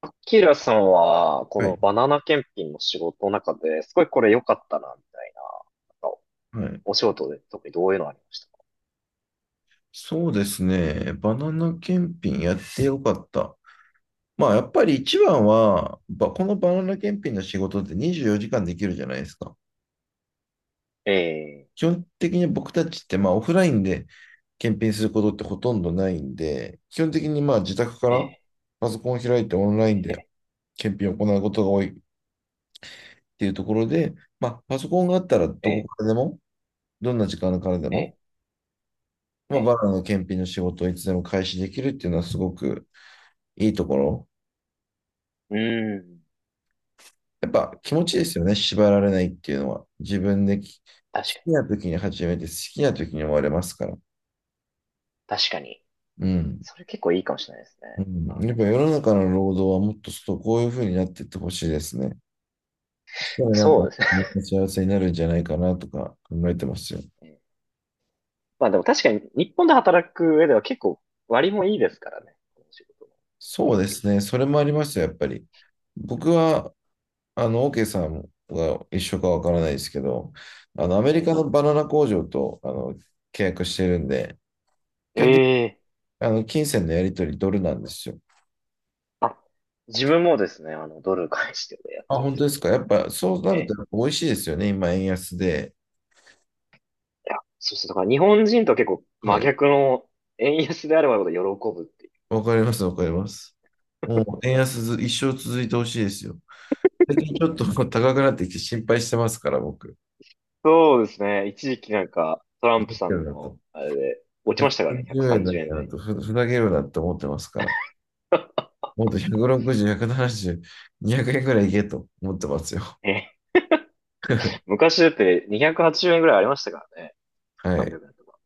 アキラさんは、こはのバい。ナナ検品の仕事の中で、すごいこれ良かったな、みたいな、なんかはい。お仕事で特にどういうのありましたか？そうですね。バナナ検品やってよかった。まあ、やっぱり一番は、このバナナ検品の仕事って24時間できるじゃないですか。ええ基本的に僕たちって、まあ、オフラインで検品することってほとんどないんで、基本的にまあ、自宅からえパソコンを開いてオンラインでえ検品を行うことが多いっていうところで、まあ、パソコンがあったらどこええからでも、どんな時間からでえも、えまえあ、え。バナナの検品の仕事をいつでも開始できるっていうのはすごくいいところ。うーん、やっぱ気持ちですよね、縛られないっていうのは。自分確かに、好きな時に始めて、好きな時に終われますから。確かに。うん。それ結構いいかもしれないですうね。バナん、やナっぱ検世品、のこ中れのは。労働はもっとこういうふうになっていってほしいですね。そしたらなんそか、うですね。みんな幸せになるんじゃないかなとか考えてますよ。ええ、まあでも確かに、日本で働く上では結構割もいいですからね。この仕事のそ給う料。ですね、それもありますよ、やっぱり。僕は、OK さんが一緒かわからないですけど、アメリえカのバナナ工場と、契約してるんで、基え本的に、ええ、金銭のやり取りドルなんですよ。あ、自分もですね、あの、ドル返してでやっあ、てるんで本当すでけすど。か。やっぱそうなえるとえ、やっぱ美味しいですよね。今、円安で。いや、そうですね。だから日本人とは結構真はい。逆の、円安であればあるほど喜ぶっていう。わかります、わかります。もう円安ず一生続いてほしいですよ。最近ちょっともう高くなってきて心配してますから、僕。そうですね。一時期なんかトラふンざプさけるんなのと。あれで落ちましたからね。130円130だなん円やな台と、に。ふざけるなって思ってますから。もっと160、170、200円ぐらいいけと思ってますよ。え、昔だって280円ぐらいありましたからね。は300い。円とか。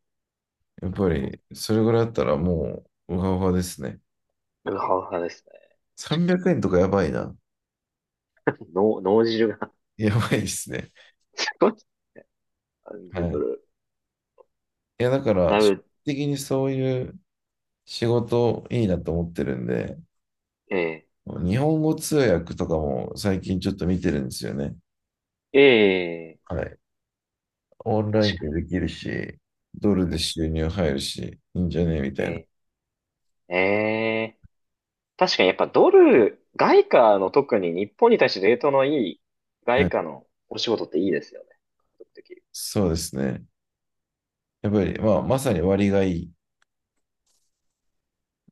やっぱり、それぐらいだったらもう、うわうわですね。うわうわですね。300円とかやばいな。脳汁が やばいですね。すごい。は30ドい。ル。いや、だから、だい基本ぶ、的にそういう仕事いいなと思ってるんで、ええ日本語通訳とかも最近ちょっと見てるんですよね。ええ、はい。オンライ確ンかでに。できるし、ドルでえ収入入るし、いいんじゃねみえたいな。ええええ、確かに、やっぱドル、外貨の、特に日本に対してレートのいいは外い。貨のお仕事っていいですよね。獲得できる。そうですね。やっぱり、まあ、まさに割がいい。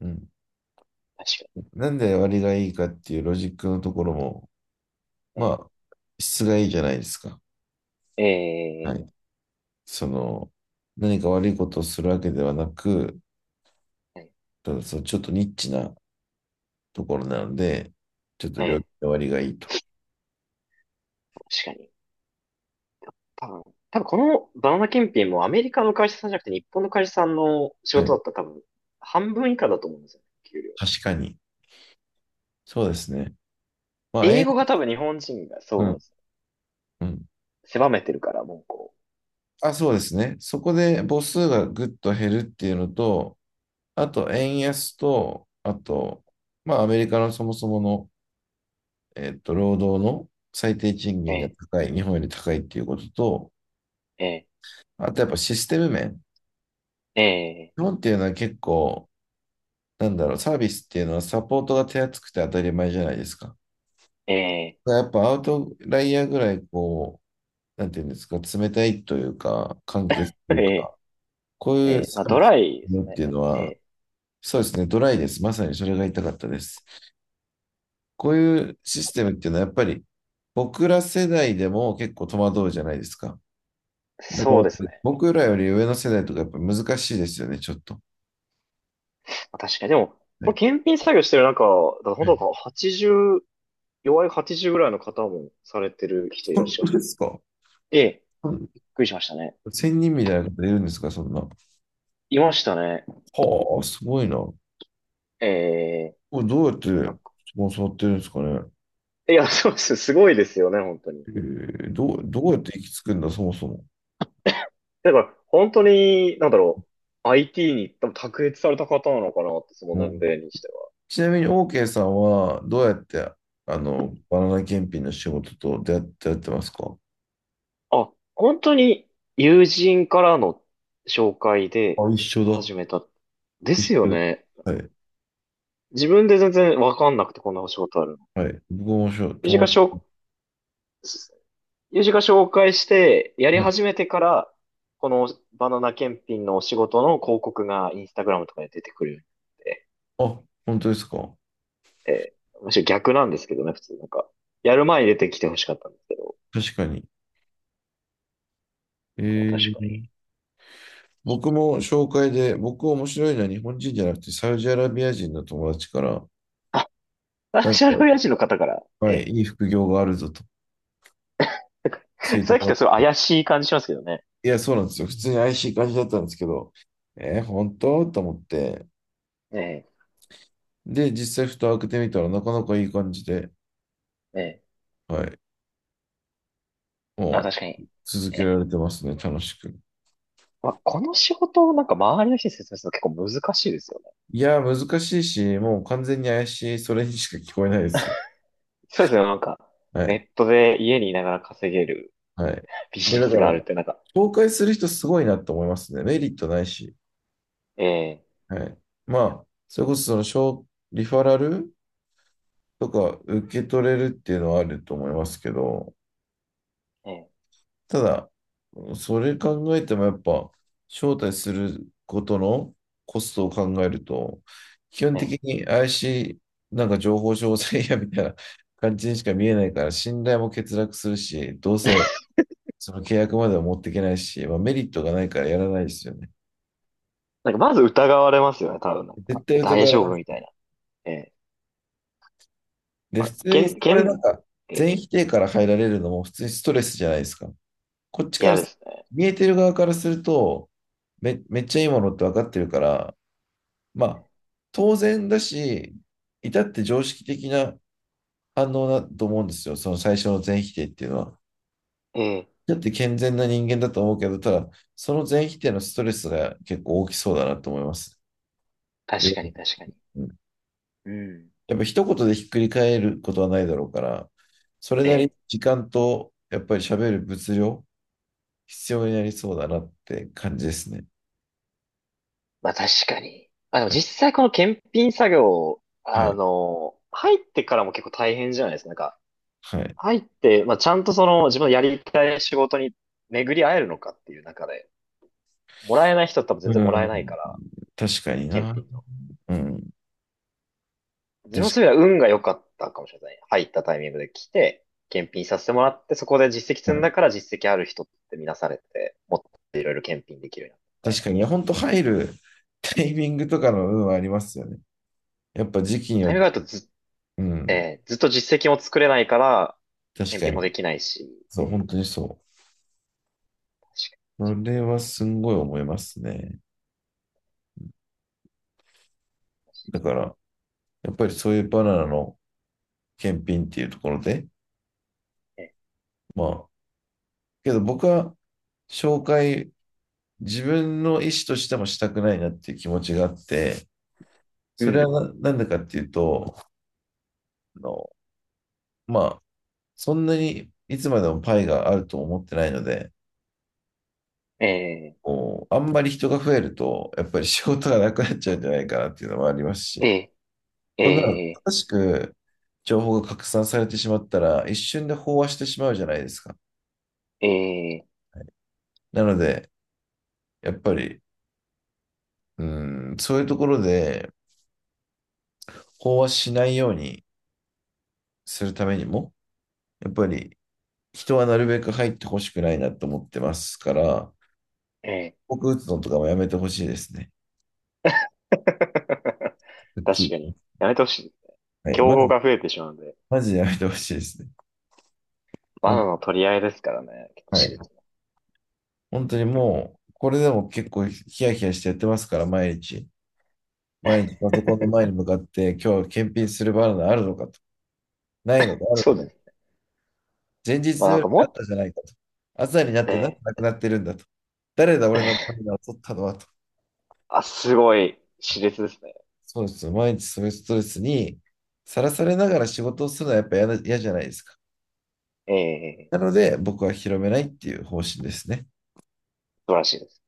うん。確かなんで割がいいかっていうロジックのところも、に。えまえ、あ、質がいいじゃないですか。えはえ、い。その、何か悪いことをするわけではなく、ええ、ただそのちょっとニッチなところなので、ちょっと料ええ、金割がいいと。確かに。多分、多分このバナナ検品もアメリカの会社さんじゃなくて日本の会社さんの仕は事い。だったら多分半分以下だと思うんですよ、給料。確かに。そうですね。まあ、英え、語が多分日本人がそううなんでん、すよ。うん。狭めてるから、もうこあ、そうですね。そこで母数がぐっと減るっていうのと、あと、円安と、あと、まあ、アメリカのそもそもの、労働の最低賃う。え金がえ、高い、日本より高いっていうことと、ええ、あとやっぱシステム面。ええ、日本っていうのは結構、なんだろう、サービスっていうのはサポートが手厚くて当たり前じゃないですか。ええ、だからやっぱアウトライヤーぐらいこう、なんていうんですか、冷たいというか、簡潔とえいうえ、か、こうえいうえ、サまあードビスライですよってね。いうのえは、え、そうですね、ドライです。まさにそれが言いたかったです。こういうシステムっていうのは、やっぱり僕ら世代でも結構戸惑うじゃないですか。だかそうら、ですね。僕らより上の世代とかやっぱ難しいですよね、ちょっと。確かに。でも、これね。検品作業してる中、だから本当なんか、80、弱い80ぐらいの方もされてる人いらっ本しゃる。当ですか？ええ、うん、びっくりしましたね。千人みたいな方いるんですか、そんな。はいましたね。あ、すごいな。こええ、れどうやっなてんか、スポンサーやってるんですかね。いや、そうです。すごいですよね、本当に。えどうやって行き着くんだ、そもそも。だから、本当に、なんだろう。IT に多分卓越された方なのかなって、そのう年ん、齢にしてちなみに OK さんはどうやってあのバナナ検品の仕事と出会ってやってますか？は。あ、本当に友人からの紹介であ、一緒だ。始めた。で一すよ緒です。ね。はい。自分で全然わかんなくてこんなお仕事あるの。はい。僕も友人か友ら紹達。す友人が紹介して、やりはい。始めてから、このバナナ検品のお仕事の広告がインスタグラムとかで出てくるようになって、あ、本当ですか。えーむしろ逆なんですけどね。普通なんか、やる前に出てきてほしかったんですけど、確かに。え確かに。ー、僕も紹介で、僕面白いのは日本人じゃなくてサウジアラビア人の友達から、あ、なナんショルか、親父の方から、はい、いい副業があるぞとな教んえかてさっもきらとっすごて。い怪しい感じしますけどね。いや、そうなんですよ。普通に IC 感じだったんですけど、本当と思って。えで、実際蓋を開けてみたらなかなかいい感じで。ー、えはい。あ、も確かうに。続けえられてますね、楽しく。まあ、この仕事をなんか周りの人に説明するの結構難しいですよね。いやー、難しいし、もう完全に怪しい、それにしか聞こえないですよ。そうですよ、なんか、はい。ネットで家にいながら稼げるはい。ビいジや、ネだかスら、があるってなんか、紹介する人すごいなって思いますね。メリットないし。ええ、はい。まあ、それこそその、リファラルとか受け取れるっていうのはあると思いますけど、ええ、ただ、それ考えてもやっぱ、招待することのコストを考えると、基本ええ。的に怪しい、なんか情報商材やみたいな感じにしか見えないから、信頼も欠落するし、どうせその契約までは持っていけないし、まあ、メリットがないからやらないですよね。なんかまず疑われますよね、多分なんか。絶対え、疑大われ丈ま夫す。みたいな。ええ。で、ま普あ、通けに、ん、けこれなん、んか、ええ、全否定から入られるのも普通にストレスじゃないですか。こっちか嫌ら、ですね。見えてる側からすると、めっちゃいいものって分かってるから、まあ、当然だし、至って常識的な反応だと思うんですよ。その最初の全否定っていうのは。ええ、だって健全な人間だと思うけど、ただ、その全否定のストレスが結構大きそうだなと思います。確かに確かに。うん。やっぱ一言でひっくり返ることはないだろうから、それえなりにえ。時間と、やっぱり喋る物量、必要うにん、なりそうだなって感じですね。まあ確かに。まあ、でもはい。実際この検品作業、はあい。の、入ってからも結構大変じゃないですか。なんか、はい。入って、まあちゃんとその自分のやりたい仕事に巡り会えるのかっていう中で、もらえない人は多分全う然もらえん。ないから、確かに検な。品の。うん。自分のそうい確う意味では運が良かったかもしれない。入ったタイミングで来て、検品させてもらって、そこで実績積かんだに。から実績ある人って見なされて、もっといろいろ検品できるようになったみ確たいかな。に、いや本当入るタイミングとかの運はありますよね。やっぱ時期にタはイミングがあるとず、うん、えーずっと実績も作れないから、確検か品もに。できないし、っそてう、いう。本当にそう。確かそれはすんごい思いますね。だから、やっぱりそういうバナナの検品っていうところで、にね。まあ、けど僕は紹介、自分の意思としてもしたくないなっていう気持ちがあって、うそれはん。なんでかっていうと、あのまあ、そんなにいつまでもパイがあると思ってないので、えこうあんまり人が増えると、やっぱり仕事がなくなっちゃうんじゃないかなっていうのもありますー、し、えー、こんなのえ正しく情報が拡散されてしまったら、一瞬で飽和してしまうじゃないですか。ー、えなので、やっぱり、うん、そういうところで飽和しないようにするためにも、やっぱり人はなるべく入ってほしくないなと思ってますから、ー、えー。僕打つのとかもやめてほしいですね。は確かっに。やめてほしい。きりはい、競ま合ず、が増えてしまうので。マジでやめてほしいですね。ほバナんナの取り合いですからね。結構は熾い。烈な。本当にもう、これでも結構ヒヤヒヤしてやってますから、毎日。毎日パソコンの前に向かって、今日検品するバナナあるのかと。ないのか、あるそうでのか。す。前日まあのなん夜かにもあったっ、じゃないかと。朝になってなんでえなくなってるんだと。誰だ、俺のーバナナを取ったのはと。あ、すごい、熾烈ですね。そうですよ。毎日そういうストレスにさらされながら仕事をするのはやっぱ嫌な嫌じゃないですか。ええ、なので、僕は広めないっていう方針ですね。素晴らしいです。